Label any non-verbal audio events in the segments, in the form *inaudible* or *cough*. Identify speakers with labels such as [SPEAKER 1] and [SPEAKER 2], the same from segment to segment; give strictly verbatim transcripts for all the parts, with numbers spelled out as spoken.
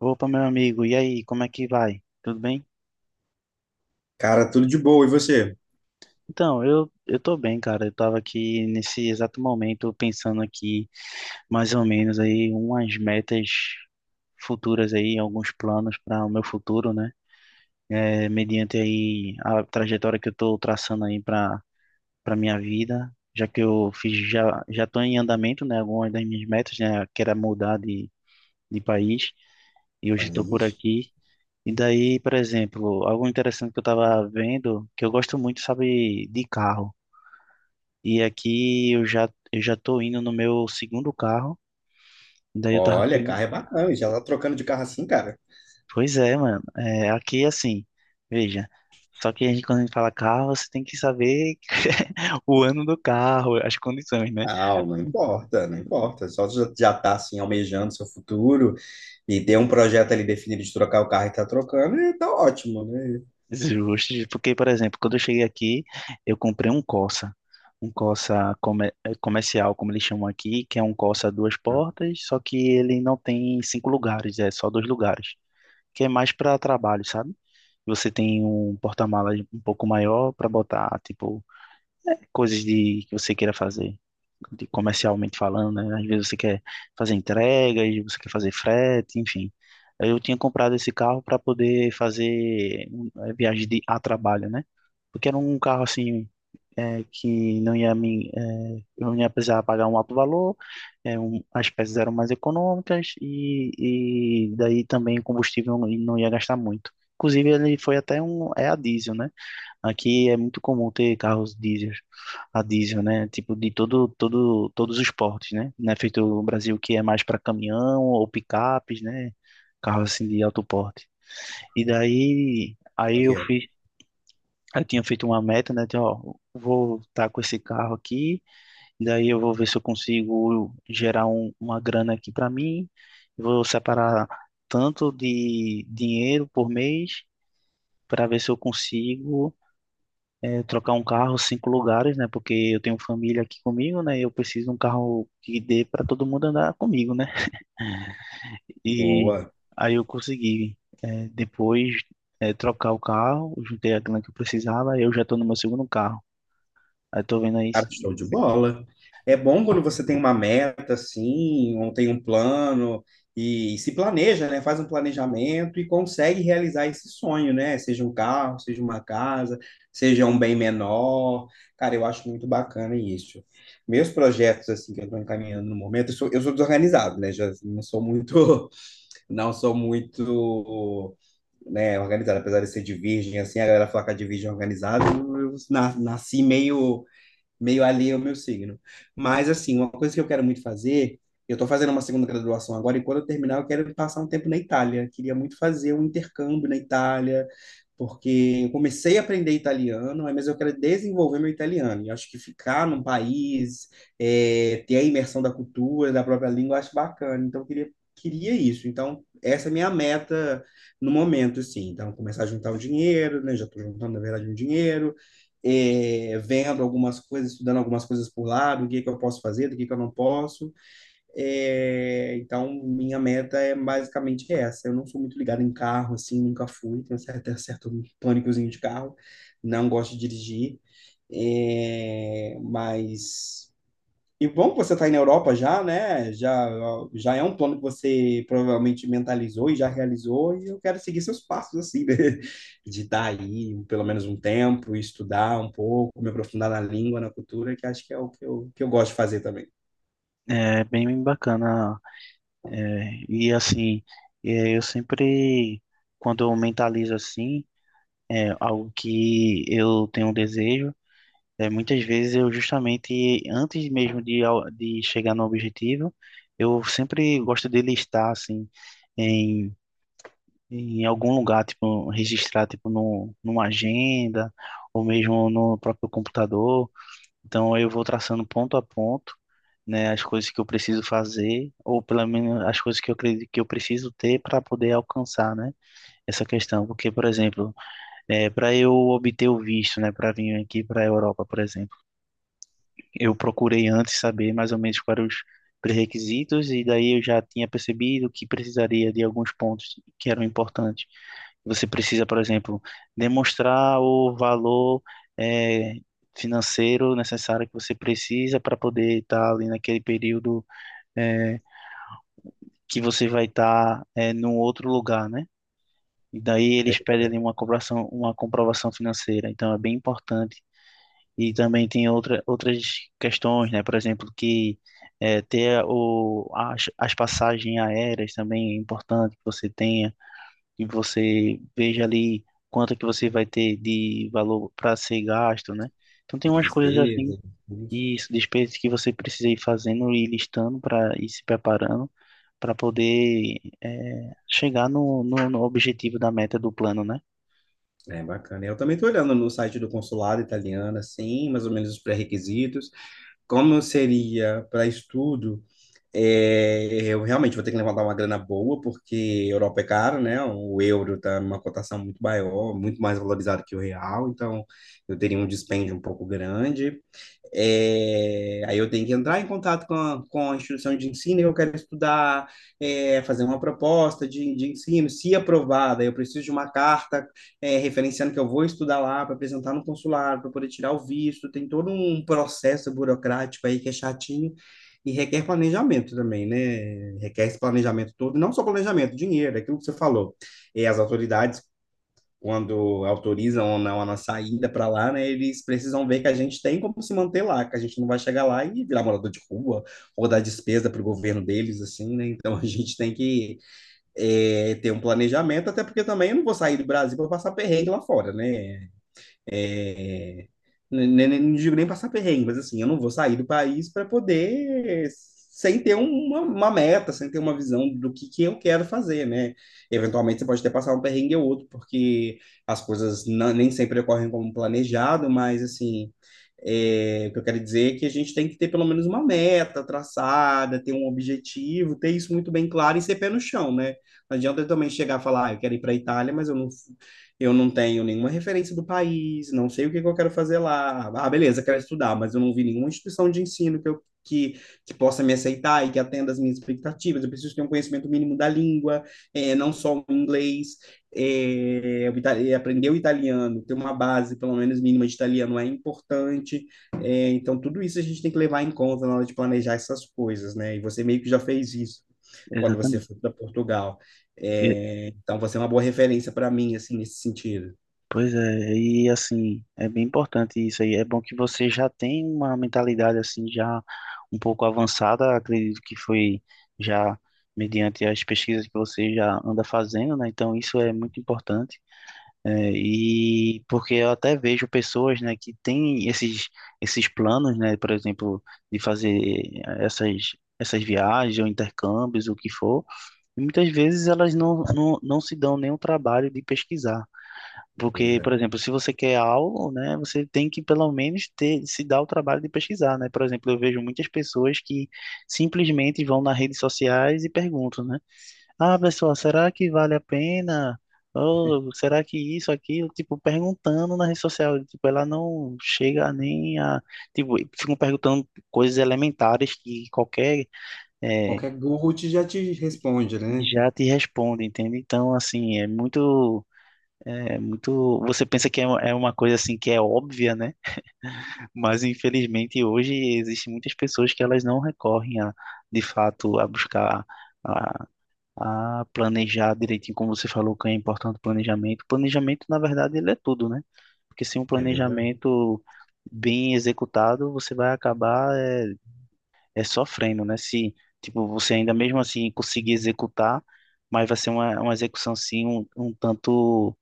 [SPEAKER 1] Opa, meu amigo, e aí, como é que vai? Tudo bem?
[SPEAKER 2] Cara, tudo de boa. E você?
[SPEAKER 1] Então, eu, eu tô bem, cara. Eu tava aqui nesse exato momento pensando aqui, mais ou menos, aí, umas metas futuras aí, alguns planos para o meu futuro, né? É, mediante aí a trajetória que eu tô traçando aí para para minha vida, já que eu fiz já já tô em andamento, né, algumas das minhas metas, né, que era mudar de de país, e hoje estou por
[SPEAKER 2] País.
[SPEAKER 1] aqui. E daí, por exemplo, algo interessante que eu tava vendo, que eu gosto muito, sabe, de carro. E aqui eu já, eu já tô indo no meu segundo carro. E daí eu tava.
[SPEAKER 2] Olha,
[SPEAKER 1] pen-
[SPEAKER 2] carro é bacana. Já tá trocando de carro assim, cara?
[SPEAKER 1] Pois é, mano. É, aqui é assim, veja. Só que a gente, quando a gente fala carro, você tem que saber *laughs* o ano do carro, as condições, né?
[SPEAKER 2] Não, não importa, não importa. Só já, já tá assim, almejando seu futuro e ter um projeto ali definido de trocar o carro e tá trocando, e tá ótimo, né?
[SPEAKER 1] Justo, porque, por exemplo, quando eu cheguei aqui, eu comprei um Corsa, um Corsa come- eh, comercial, como eles chamam aqui, que é um Corsa duas portas, só que ele não tem cinco lugares, é só dois lugares, que é mais para trabalho, sabe? Você tem um porta-malas um pouco maior para botar, tipo, coisas de que você queira fazer, de comercialmente falando, né? Às vezes você quer fazer entregas, você quer fazer frete, enfim. Aí eu tinha comprado esse carro para poder fazer hum, eh, viagem de, a trabalho, né? Porque era um carro assim eh, que não ia me, eh, eu não ia precisar pagar um alto valor, eh, um, as peças eram mais econômicas e, e daí também o combustível não, não ia gastar muito. Inclusive ele foi até um é a diesel, né? Aqui é muito comum ter carros diesel, a diesel, né? Tipo de todo, todo, todos os portes, né? Não é feito o Brasil que é mais para caminhão ou picapes, né? Carros assim de alto porte. E daí,
[SPEAKER 2] Como
[SPEAKER 1] aí
[SPEAKER 2] é que
[SPEAKER 1] eu
[SPEAKER 2] é?
[SPEAKER 1] fiz, eu tinha feito uma meta, né? De, ó, vou estar com esse carro aqui, e daí eu vou ver se eu consigo gerar um, uma grana aqui para mim. Vou separar tanto de dinheiro por mês para ver se eu consigo é, trocar um carro cinco lugares, né? Porque eu tenho família aqui comigo, né? E eu preciso de um carro que dê para todo mundo andar comigo, né? E
[SPEAKER 2] Boa.
[SPEAKER 1] aí eu consegui é, depois é, trocar o carro, juntei a grana que eu precisava, e eu já estou no meu segundo carro. Aí tô vendo aí,
[SPEAKER 2] Cara, show de bola. É bom quando você tem uma meta, assim, ou tem um plano e, se planeja, né? Faz um planejamento e consegue realizar esse sonho, né? Seja um carro, seja uma casa, seja um bem menor. Cara, eu acho muito bacana isso. Meus projetos, assim, que eu estou encaminhando no momento, eu sou, eu sou desorganizado, né? Já não sou muito, *laughs* não sou muito, né, organizado, apesar de ser de virgem, assim, a galera fala que é de virgem é organizado, eu, eu na- nasci meio meio alheio ao meu signo. Mas, assim, uma coisa que eu quero muito fazer, eu estou fazendo uma segunda graduação agora, e quando eu terminar, eu quero passar um tempo na Itália. Queria muito fazer um intercâmbio na Itália, porque eu comecei a aprender italiano, mas eu quero desenvolver meu italiano. E acho que ficar num país, é, ter a imersão da cultura, da própria língua, eu acho bacana. Então, eu queria, queria isso. Então, essa é a minha meta no momento, assim. Então, começar a juntar o dinheiro, né? Já estou juntando, na verdade, um dinheiro é, vendo algumas coisas, estudando algumas coisas por lá, do que, que eu posso fazer, do que, que eu não posso. É, então, minha meta é basicamente essa. Eu não sou muito ligado em carro, assim, nunca fui, tenho um certo, certo pânicozinho de carro, não gosto de dirigir, é, mas e bom que você está aí na Europa já, né? Já, já é um plano que você provavelmente mentalizou e já realizou, e eu quero seguir seus passos, assim, né? *laughs* De estar aí pelo menos um tempo, estudar um pouco, me aprofundar na língua, na cultura, que acho que é o que eu, que eu gosto de fazer também.
[SPEAKER 1] é bem bacana. É, e assim, é, eu sempre, quando eu mentalizo assim, é algo que eu tenho um desejo. É, muitas vezes eu justamente, antes mesmo de, ao- de chegar no objetivo, eu sempre gosto de listar, assim, em, em algum lugar, tipo, registrar, tipo, no, numa agenda, ou mesmo no próprio computador. Então, eu vou traçando ponto a ponto, né, as coisas que eu preciso fazer, ou pelo menos as coisas que eu acredito que eu preciso ter para poder alcançar, né, essa questão. Porque, por exemplo, é, para eu obter o visto, né, para vir aqui para a Europa, por exemplo, eu procurei antes saber mais ou menos quais eram os pré-requisitos, e daí eu já tinha percebido que precisaria de alguns pontos que eram importantes. Você precisa, por exemplo, demonstrar o valor eh, financeiro necessário que você precisa para poder estar ali naquele período eh, que você vai estar eh, num outro lugar, né? E daí
[SPEAKER 2] É,
[SPEAKER 1] eles pedem ali uma comprovação, uma comprovação financeira. Então é bem importante e também tem outra, outras questões, né? Por exemplo, que é, ter o, as, as passagens aéreas também é importante que você tenha, que você veja ali quanto que você vai ter de valor para ser gasto, né? Então tem
[SPEAKER 2] de
[SPEAKER 1] umas coisas assim,
[SPEAKER 2] despesa, de custo.
[SPEAKER 1] e isso, despesas que você precisa ir fazendo e listando para ir se preparando para poder é, chegar no, no, no objetivo da meta do plano, né?
[SPEAKER 2] É bacana. Eu também estou olhando no site do consulado italiano, assim, mais ou menos os pré-requisitos, como seria para estudo. É, eu realmente vou ter que levantar uma grana boa, porque Europa é caro, né? O euro está numa cotação muito maior, muito mais valorizado que o real, então eu teria um dispêndio um pouco grande. É, aí eu tenho que entrar em contato com a, com a instituição de ensino que eu quero estudar, é, fazer uma proposta de, de ensino, se aprovada, eu preciso de uma carta é, referenciando que eu vou estudar lá para apresentar no consulado, para poder tirar o visto, tem todo um processo burocrático aí que é chatinho e requer planejamento também, né? Requer esse planejamento todo, não só planejamento, dinheiro, é aquilo que você falou. E as autoridades quando autorizam ou não a nossa ida para lá, né, eles precisam ver que a gente tem como se manter lá, que a gente não vai chegar lá e virar morador de rua ou dar despesa para o governo deles, assim, né? Então a gente tem que é, ter um planejamento, até porque também eu não vou sair do Brasil para passar perrengue lá fora, né? É, nem- nem- nem- não digo nem passar perrengue, mas assim, eu não vou sair do país para poder, sem ter uma, uma meta, sem ter uma visão do que, que eu quero fazer, né? Eventualmente você pode até passar um perrengue ou outro, porque as coisas na- nem sempre ocorrem como planejado, mas assim, é, o que eu quero dizer é que a gente tem que ter pelo menos uma meta traçada, ter um objetivo, ter isso muito bem claro e ser pé no chão, né? Não adianta eu também chegar e falar, ah, eu quero ir para a Itália, mas eu não, eu não tenho nenhuma referência do país, não sei o que que eu quero fazer lá. Ah, beleza, quero estudar, mas eu não vi nenhuma instituição de ensino que eu que, que possa me aceitar e que atenda as minhas expectativas. Eu preciso ter um conhecimento mínimo da língua, é, não só o inglês, é, o é, aprender o italiano, ter uma base, pelo menos mínima de italiano é importante. É, então, tudo isso a gente tem que levar em conta na hora de planejar essas coisas, né? E você meio que já fez isso quando você
[SPEAKER 1] Exatamente.
[SPEAKER 2] foi para Portugal. É, então você é uma boa referência para mim, assim, nesse sentido.
[SPEAKER 1] Pois é, e assim, é bem importante isso aí. É bom que você já tem uma mentalidade assim já um pouco avançada, acredito que foi já mediante as pesquisas que você já anda fazendo, né? Então isso é muito importante. É, e porque eu até vejo pessoas, né, que têm esses esses planos, né, por exemplo, de fazer essas essas viagens ou intercâmbios, o que for, e muitas vezes elas não, não, não se dão nem o trabalho de pesquisar.
[SPEAKER 2] Pois
[SPEAKER 1] Porque, por
[SPEAKER 2] é.
[SPEAKER 1] exemplo, se você quer algo, né, você tem que pelo menos ter, se dar o trabalho de pesquisar, né? Por exemplo, eu vejo muitas pessoas que simplesmente vão nas redes sociais e perguntam, né? Ah, pessoal, será que vale a pena? Ou será que isso, aquilo? Tipo, perguntando na rede social, tipo, ela não chega nem a... Tipo, ficam perguntando coisas elementares que qualquer... eh,
[SPEAKER 2] Qualquer Google te- já te responde, né?
[SPEAKER 1] já te responde, entende? Então, assim, é muito é muito, você pensa que é uma é uma coisa assim que é óbvia, né? Mas infelizmente hoje existem muitas pessoas que elas não recorrem a, de fato, a buscar a, a planejar direitinho, como você falou, que é importante o planejamento. O planejamento, na verdade, ele é tudo, né? Porque sem um
[SPEAKER 2] É verdade.
[SPEAKER 1] planejamento bem executado, você vai acabar é, é sofrendo, né? Se tipo você ainda mesmo assim conseguir executar, mas vai ser uma, uma execução assim um, um tanto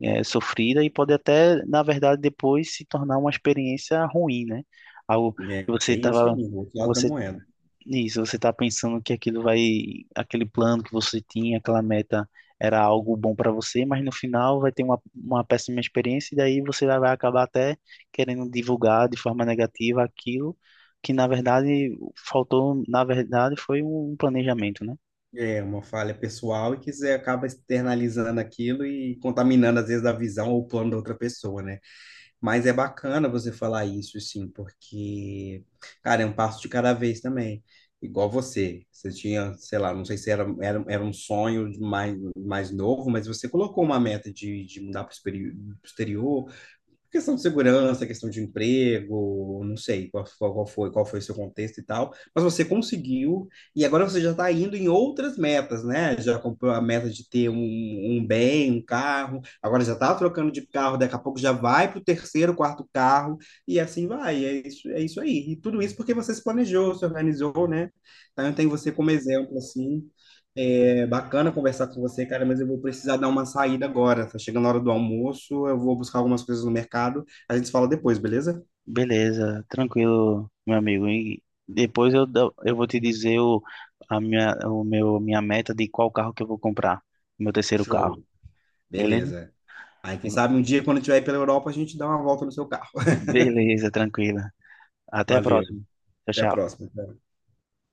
[SPEAKER 1] é, sofrida e pode até, na verdade, depois se tornar uma experiência ruim, né? Algo que
[SPEAKER 2] É,
[SPEAKER 1] você
[SPEAKER 2] tem isso aí,
[SPEAKER 1] estava,
[SPEAKER 2] o outro lado da
[SPEAKER 1] você,
[SPEAKER 2] moeda.
[SPEAKER 1] isso, você está pensando que aquilo vai, aquele plano que você tinha, aquela meta era algo bom para você, mas no final vai ter uma, uma péssima experiência e daí você vai vai acabar até querendo divulgar de forma negativa aquilo que, na verdade, faltou, na verdade, foi um planejamento, né?
[SPEAKER 2] É uma falha pessoal e que você acaba externalizando aquilo e contaminando, às vezes, a visão ou o plano da outra pessoa, né? Mas é bacana você falar isso, sim, porque, cara, é um passo de cada vez também. Igual você, você tinha, sei lá, não sei se era, era, era um sonho de mais, mais novo, mas você colocou uma meta de, de mudar para o exterior, questão de segurança, questão de emprego, não sei qual, qual qual foi, qual foi o seu contexto e tal, mas você conseguiu e agora você já está indo em outras metas, né? Já comprou a meta de ter um, um bem, um carro, agora já está trocando de carro, daqui a pouco já vai para o terceiro, quarto carro e assim vai, é isso, é isso aí. E tudo isso porque você se planejou, se organizou, né? Então eu tenho você como exemplo, assim, é bacana conversar com você, cara, mas eu vou precisar dar uma saída agora. Tá chegando a hora do almoço, eu vou buscar algumas coisas no mercado. A gente se fala depois, beleza?
[SPEAKER 1] Beleza, tranquilo, meu amigo. E depois eu, dou- eu vou te dizer o, a minha, o meu, minha meta de qual carro que eu vou comprar. Meu terceiro carro,
[SPEAKER 2] Show.
[SPEAKER 1] beleza?
[SPEAKER 2] Beleza. Aí, quem sabe um dia, quando eu estiver aí pela Europa, a gente dá uma volta no seu carro. *laughs*
[SPEAKER 1] Beleza, tranquila. Até a
[SPEAKER 2] Valeu.
[SPEAKER 1] próxima. Tchau,
[SPEAKER 2] Até a
[SPEAKER 1] tchau.
[SPEAKER 2] próxima.